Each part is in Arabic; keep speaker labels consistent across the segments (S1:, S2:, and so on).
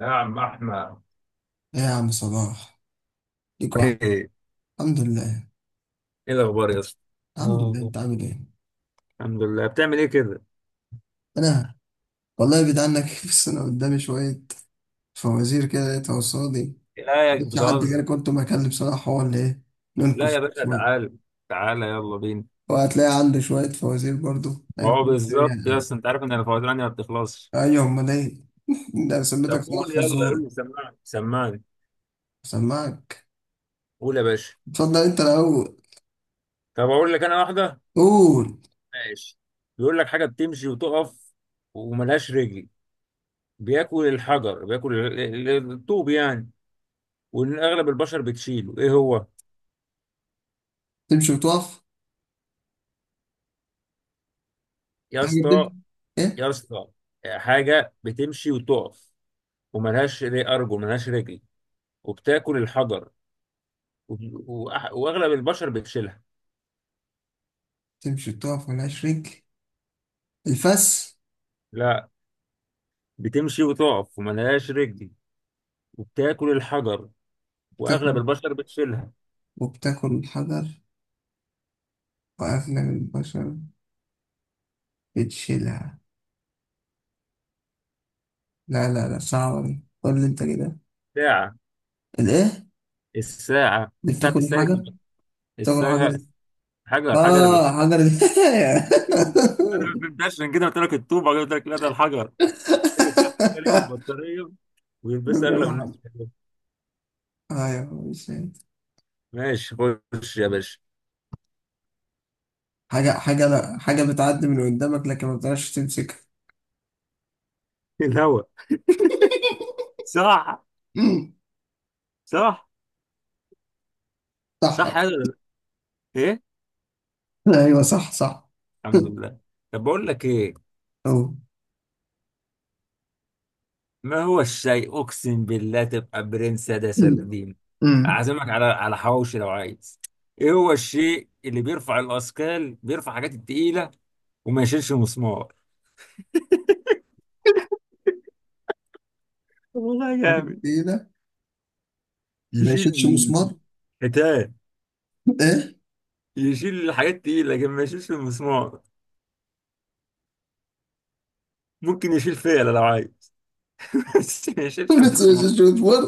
S1: يا عم احمد،
S2: ايه يا عم صباح، ليك واحد.
S1: ايه إيه؟
S2: الحمد لله.
S1: الاخبار يا اسطى.
S2: الحمد لله،
S1: اه،
S2: انت عامل ايه؟
S1: الحمد لله. بتعمل ايه كده؟
S2: انا والله بعيد عنك بس انا قدامي شويه فوازير كده لقيتها قصادي.
S1: لا يا
S2: مش حد، كده
S1: بتهزر.
S2: كنت بكلم صلاح هو اللي ايه،
S1: لا يا
S2: ننكش
S1: باشا،
S2: شويه
S1: تعال، تعال يلا بينا.
S2: وهتلاقي عنده شويه فوازير برضو.
S1: ما هو
S2: هنكش بيها
S1: بالظبط يا
S2: يعني.
S1: اسطى، انت عارف ان الفوازير عندي ما بتخلصش.
S2: ايوه، امال ايه؟ ده سميتك
S1: طب
S2: صلاح
S1: قول يلا، قول
S2: فزور.
S1: لي، سمعني سمعني.
S2: سمعك.
S1: قول يا باشا.
S2: اتفضل انت الاول.
S1: طب اقول لك انا واحده.
S2: قول.
S1: ماشي، بيقول لك حاجه بتمشي وتقف وملهاش رجل، بياكل الحجر، بياكل الطوب يعني، وان اغلب البشر بتشيله، ايه هو؟
S2: تمشي وتقف.
S1: يا
S2: حاجه تمشي.
S1: اسطى،
S2: ايه؟
S1: يا اسطى، حاجه بتمشي وتقف وملهاش أرجل، ملهاش رجل، وبتاكل الحجر، وأغلب البشر بتشيلها.
S2: تمشي وتقف ملهاش رجل، الفس.
S1: لا، بتمشي وتقف وملهاش رجل، وبتاكل الحجر، وأغلب البشر بتشيلها.
S2: وبتاكل الحجر وأغلب البشر بتشيلها. لا، صعبة دي، قول لي أنت كده.
S1: ساعة.
S2: الإيه؟
S1: الساعة
S2: دي
S1: الساعة
S2: بتاكل
S1: بتستهلك
S2: الحجر؟ بتاكل
S1: الساعة.
S2: حجر.
S1: حجر حجر الحجر.
S2: آه، حجر
S1: أنا ما فهمتهاش، عشان كده قلت لك الطوبة، قلت لك لا ده الحجر. لكن الساعة بتستهلك البطارية، ويلبسها
S2: بتاكل
S1: أغلب
S2: الحجر.
S1: الناس.
S2: أيوه، مش هي.
S1: ماشي، خش يا باشا.
S2: حاجة، لا، حاجة بتعدي من قدامك لكن ما بتعرفش تمسكها.
S1: الهوا. صح.
S2: أمم،
S1: صح.
S2: صح.
S1: صح هذا. ايه؟
S2: أيوه، صح صح.
S1: الحمد لله. طب بقول لك ايه،
S2: أوه.
S1: ما هو الشيء اقسم بالله تبقى برنس، ده
S2: أمم،
S1: سردين.
S2: أمم.
S1: اعزمك على على حواوشي لو عايز. ايه هو الشيء اللي بيرفع الاثقال، بيرفع حاجات التقيله، وما يشيلش مسمار؟ طب والله
S2: حاجة
S1: جامد.
S2: كده. ما
S1: يشيل
S2: يشيلش مسمار.
S1: حيتان،
S2: إيه؟
S1: يشيل الحاجات التقيله لكن ما يشيلش المسمار، ممكن يشيل فيلة لو عايز، بس ما يشيلش
S2: ما
S1: مسمار.
S2: يشيلش مسمار.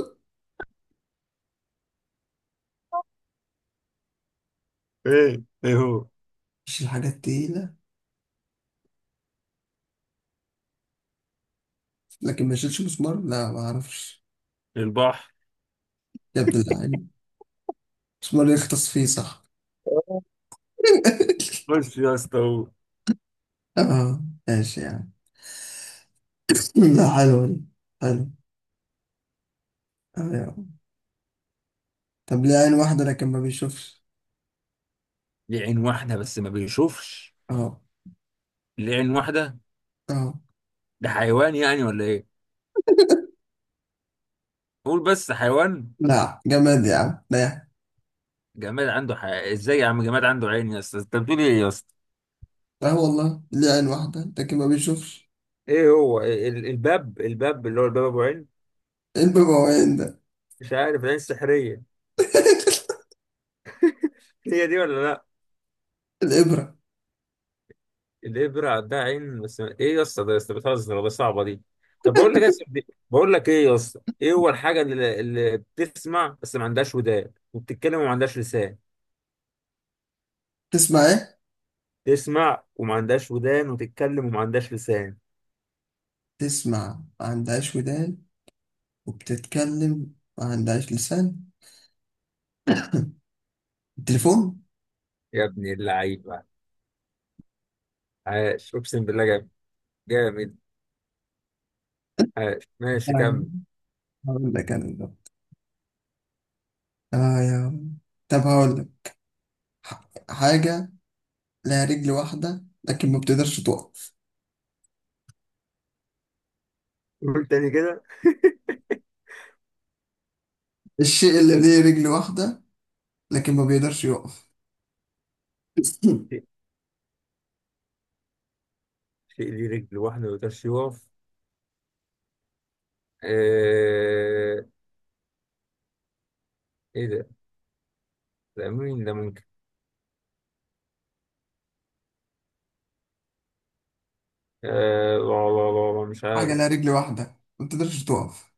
S1: ايه، ايه هو؟
S2: اشيل حاجات تقيلة لكن ما اشيلش مسمار، لا، ما اعرفش.
S1: البحر.
S2: يا ابن اللعين، مسمار يختص فيه، صح.
S1: خش يا اسطى هو.
S2: اه، ماشي يعني. لا، حلوة دي. حلو. اه يا عم. طب، ليه عين واحدة لكن ما بيشوفش؟
S1: لعين واحده بس ما بيشوفش،
S2: اه.
S1: لعين واحده.
S2: اه.
S1: ده حيوان يعني ولا ايه؟ قول بس حيوان.
S2: لا، جماد يا عم، لا يا عم.
S1: جماد عنده ازاي يا عم؟ جماد عنده عين يا اسطى؟ انت بتقول ايه يا اسطى؟
S2: اه والله، ليه عين واحدة لكن ما بيشوفش.
S1: ايه هو الباب، الباب اللي هو الباب ابو عين،
S2: ايه المبوعين ده؟
S1: مش عارف، العين السحريه، هي دي ولا لا؟
S2: الإبرة.
S1: الابره عندها عين، بس ايه يا اسطى؟ ده يا اسطى بتهزر ولا صعبه دي؟ طب بقول لك يا اسطى بقول لك ايه يا اسطى، ايه هو الحاجه اللي بتسمع بس ما عندهاش ودان، وبتتكلم وما عندهاش لسان؟
S2: تسمع ايه؟
S1: تسمع وما عندهاش ودان، وتتكلم وما عندهاش لسان.
S2: تسمع ما عندهاش ودان، وبتتكلم ما عندهاش لسان. التليفون.
S1: يا ابن اللعيبه، عاش اقسم بالله جامد، جامد، عاش، ماشي
S2: أيوة.
S1: كمل.
S2: هقول لك انا. اه يا عم. طب هقول لك. حاجة لها رجل واحدة لكن ما بتقدرش تقف.
S1: قول تاني كده.
S2: الشيء اللي ليه رجل واحدة لكن ما بيقدرش يقف.
S1: شيء، شيء ليه رجل واحدة ما يقدرش يقف؟ آه... إيه ده؟ ده مين ده ممكن؟ لا لا لا لا، مش
S2: حاجة
S1: عارف.
S2: لها رجل واحدة ما بتقدرش تقف.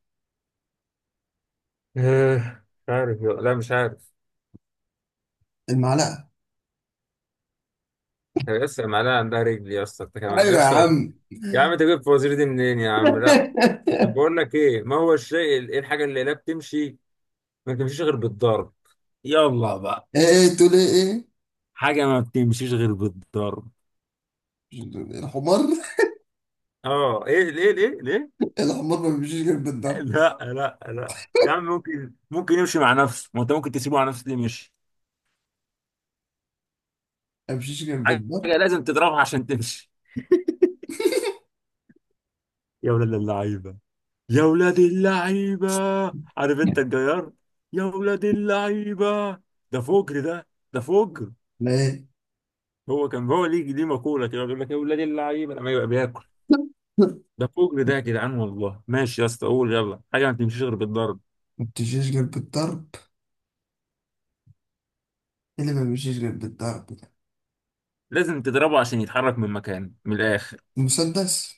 S1: مش عارف لا مش عارف.
S2: المعلقة.
S1: يا اسطى المعلقة عندها رجل يا اسطى، أنت كمان يا
S2: ايوه يا
S1: اسطى.
S2: عم.
S1: يا عم أنت جبت الفوازير دي منين يا عم؟ لا، طب بقول لك إيه، ما هو الشيء إيه الحاجة اللي لا بتمشي، ما بتمشيش غير بالضرب؟ يلا بقى.
S2: ايه، تقول ايه؟ ايه؟
S1: حاجة ما بتمشيش غير بالضرب.
S2: الحمار.
S1: اه ايه، ليه ليه ليه؟
S2: الحمار ما بيمشيش غير بالضرب.
S1: لا لا لا يا عم، ممكن ممكن يمشي مع نفسه، ما انت ممكن تسيبه على نفسه ليه مشي.
S2: ما بيمشيش غير
S1: حاجه
S2: بالضرب.
S1: لازم تضربها عشان تمشي. يا ولاد اللعيبه، يا ولاد اللعيبه، عارف انت الجيار، يا ولاد اللعيبه، ده فجر ده، ده فجر.
S2: لا ايه،
S1: هو كان هو ليه ليه مقوله كده، بيقول لك يا ولاد اللعيبه لما يبقى بياكل، ده فجر ده يا جدعان. والله ماشي يا اسطى، قول يلا حاجه ما تمشيش غير بالضرب،
S2: ما بتمشيش غير بالضرب. إيه اللي ما بيمشيش غير بالضرب ده؟
S1: لازم تضربه عشان يتحرك من مكانه من الاخر.
S2: المسدس.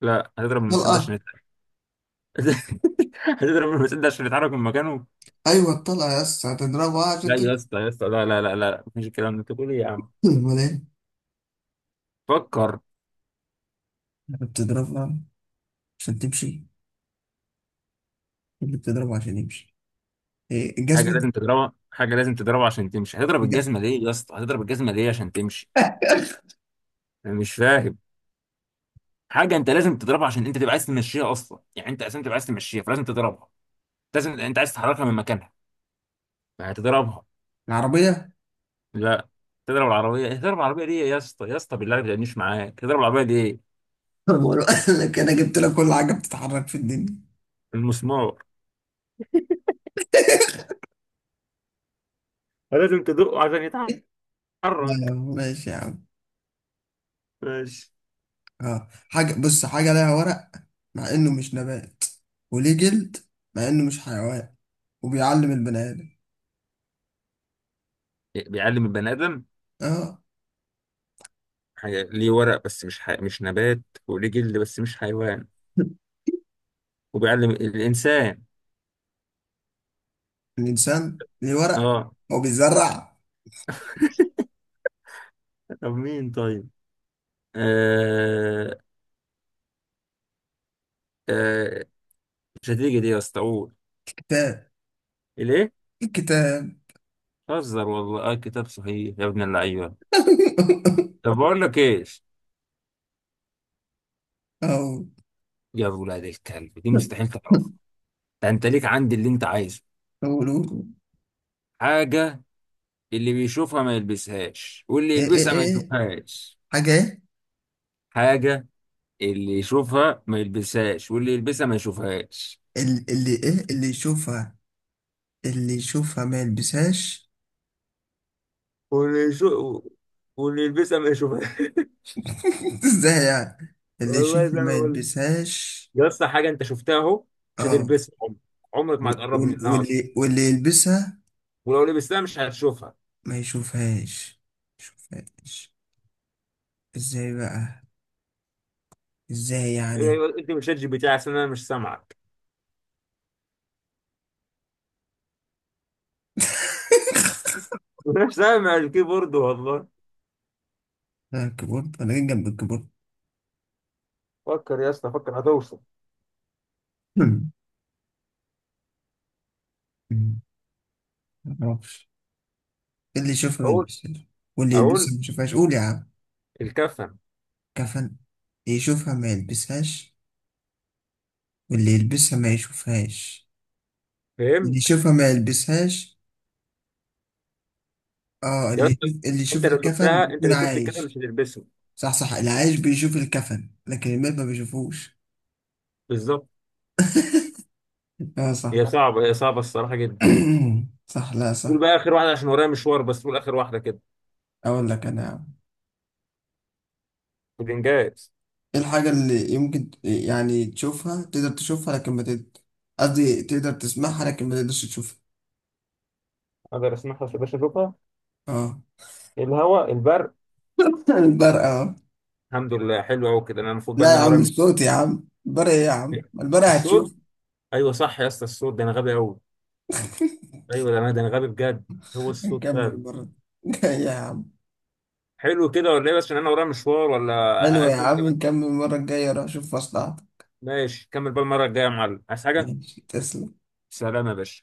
S1: لا، هتضرب المسدس عشان
S2: الطلقة.
S1: يتحرك؟ هتضرب المسدس عشان يتحرك من مكانه؟
S2: ايوه الطلقه يا اسطى، هتضربها عشان
S1: لا يا
S2: تمشي.
S1: اسطى، يا اسطى، لا لا لا لا، مفيش الكلام ده، انت بتقول ايه يا عم؟
S2: امال ايه؟
S1: فكر.
S2: بتضربها عشان تمشي. اللي بتضربها عشان يمشي، إيه؟
S1: حاجه
S2: الجزمه.
S1: لازم تضربها، حاجه لازم تضربها عشان تمشي، هتضرب
S2: الج-
S1: الجزمه ليه يا اسطى؟ هتضرب الجزمه ليه عشان تمشي؟ انا مش فاهم. حاجه انت لازم تضربها عشان انت تبقى عايز تمشيها اصلا، يعني انت اساسا تبقى عايز تمشيها فلازم تضربها، لازم، انت عايز تحركها من مكانها فهتضربها.
S2: العربيه
S1: لا، تضرب العربيه؟ ايه؟ تضرب العربيه ليه يا اسطى؟ يا اسطى بالله ما تجنيش معاك، تضرب العربيه ليه؟
S2: بقول لك انا جبت لك كل حاجه بتتحرك في الدنيا.
S1: المسمار، لازم تدقه عشان
S2: لا
S1: يتحرك.
S2: لا، ماشي يا عم.
S1: ماشي.
S2: اه، حاجه، بص، حاجه لها ورق مع انه مش نبات، وليه جلد مع انه مش حيوان، وبيعلم البني ادم.
S1: بيعلم البني ادم.
S2: اه.
S1: حاجة ليه ورق بس مش مش نبات، وليه جلد بس مش حيوان، وبيعلم الإنسان.
S2: الانسان ليه ورق،
S1: اه.
S2: هو بيزرع؟
S1: طب مين طيب؟ آه... آه... مش هتيجي دي يا اسطى، قول.
S2: كتاب.
S1: ليه؟
S2: الكتاب.
S1: هزر والله، اه كتاب صحيح، يا ابن اللعيبة. طب بقول لك ايش؟
S2: اهو.
S1: يا ولاد الكلب دي مستحيل تعرفها، ده انت ليك عندي اللي انت عايزه.
S2: قولوا.
S1: حاجة اللي بيشوفها ما يلبسهاش، واللي
S2: ايه ايه
S1: يلبسها ما
S2: ايه؟
S1: يشوفهاش.
S2: حاجة ايه؟
S1: حاجة اللي يشوفها ما يلبسهاش، واللي يلبسها ما يشوفهاش.
S2: اللي ايه؟ اللي يشوفها، اللي يشوفها ما يلبسهاش.
S1: ونشو، واللي يلبسها ما يشوفها.
S2: ازاي يعني؟ اللي
S1: والله
S2: يشوفها
S1: زي ما
S2: ما
S1: بقول،
S2: يلبسهاش.
S1: يا اسطى حاجه انت شفتها اهو، مش
S2: اه.
S1: هتلبسها عمرك، عمرك ما هتقرب
S2: وال-
S1: منها اصلا،
S2: واللي واللي يلبسها
S1: ولو لبستها مش هتشوفها.
S2: ما يشوفهاش. يشوفهاش؟ ازاي بقى؟ ازاي يعني؟
S1: إيه، انت مش شات جي بي تي عشان انا مش سامعك. مش سامع الكيبورد والله.
S2: انا الكيبورد، انا جاي جنب الكيبورد.
S1: فكر يا اسطى، فكر هتوصل.
S2: مم. مم. معرفش. اللي يشوفها ما
S1: اقول،
S2: يلبسهاش واللي
S1: اقول
S2: يلبسها ما يشوفهاش، قول يا عم.
S1: الكفن.
S2: كفن. يشوفها ما يلبسهاش، اللي يلبسها ما يشوفهاش. اللي
S1: فهمت
S2: يشوفها ما يلبسهاش، اه،
S1: يا
S2: اللي
S1: اسطى،
S2: يشوف، اللي يشوف
S1: انت لو
S2: الكفن
S1: شفتها، انت
S2: بيكون
S1: لو شفت الكفن مش
S2: عايش.
S1: هتلبسه.
S2: صح صح، العايش بيشوف الكفن لكن الميت ما بيشوفوش.
S1: بالظبط.
S2: اه
S1: هي
S2: صح.
S1: صعبه، هي صعبه الصراحه جدا.
S2: صح، لا
S1: قول
S2: صح.
S1: بقى اخر واحده عشان ورايا مشوار، بس قول اخر واحده كده.
S2: اقول لك انا يا عم.
S1: بالانجاز.
S2: ايه الحاجة اللي يمكن يعني تشوفها، تقدر تشوفها لكن ما تقدر، قصدي تقدر تسمعها لكن ما تقدرش تشوفها.
S1: اقدر اسمعها بس باش اشوفها؟
S2: اه.
S1: الهواء، البرق.
S2: البرق؟ اه،
S1: الحمد لله، حلو قوي كده، انا المفروض بقى
S2: لا
S1: ان
S2: يا
S1: انا
S2: عم،
S1: ورايا
S2: الصوت يا عم، البرق ايه يا عم؟ البرق
S1: الصوت.
S2: هتشوف.
S1: ايوه صح يا اسطى، الصوت، ده انا غبي قوي، ايوه، ده انا غبي بجد، هو الصوت
S2: نكمل
S1: فعلا.
S2: المرة الجاية يا عم.
S1: حلو كده ولا ايه؟ بس عشان انا ورايا مشوار ولا.
S2: حلو يا
S1: عايز تقول
S2: عم،
S1: كمان؟
S2: نكمل المرة الجاية، روح شوف مصلحتك.
S1: ماشي، كمل بقى المره الجايه يا معلم، عايز حاجه؟
S2: ماشي، تسلم.
S1: سلام يا باشا.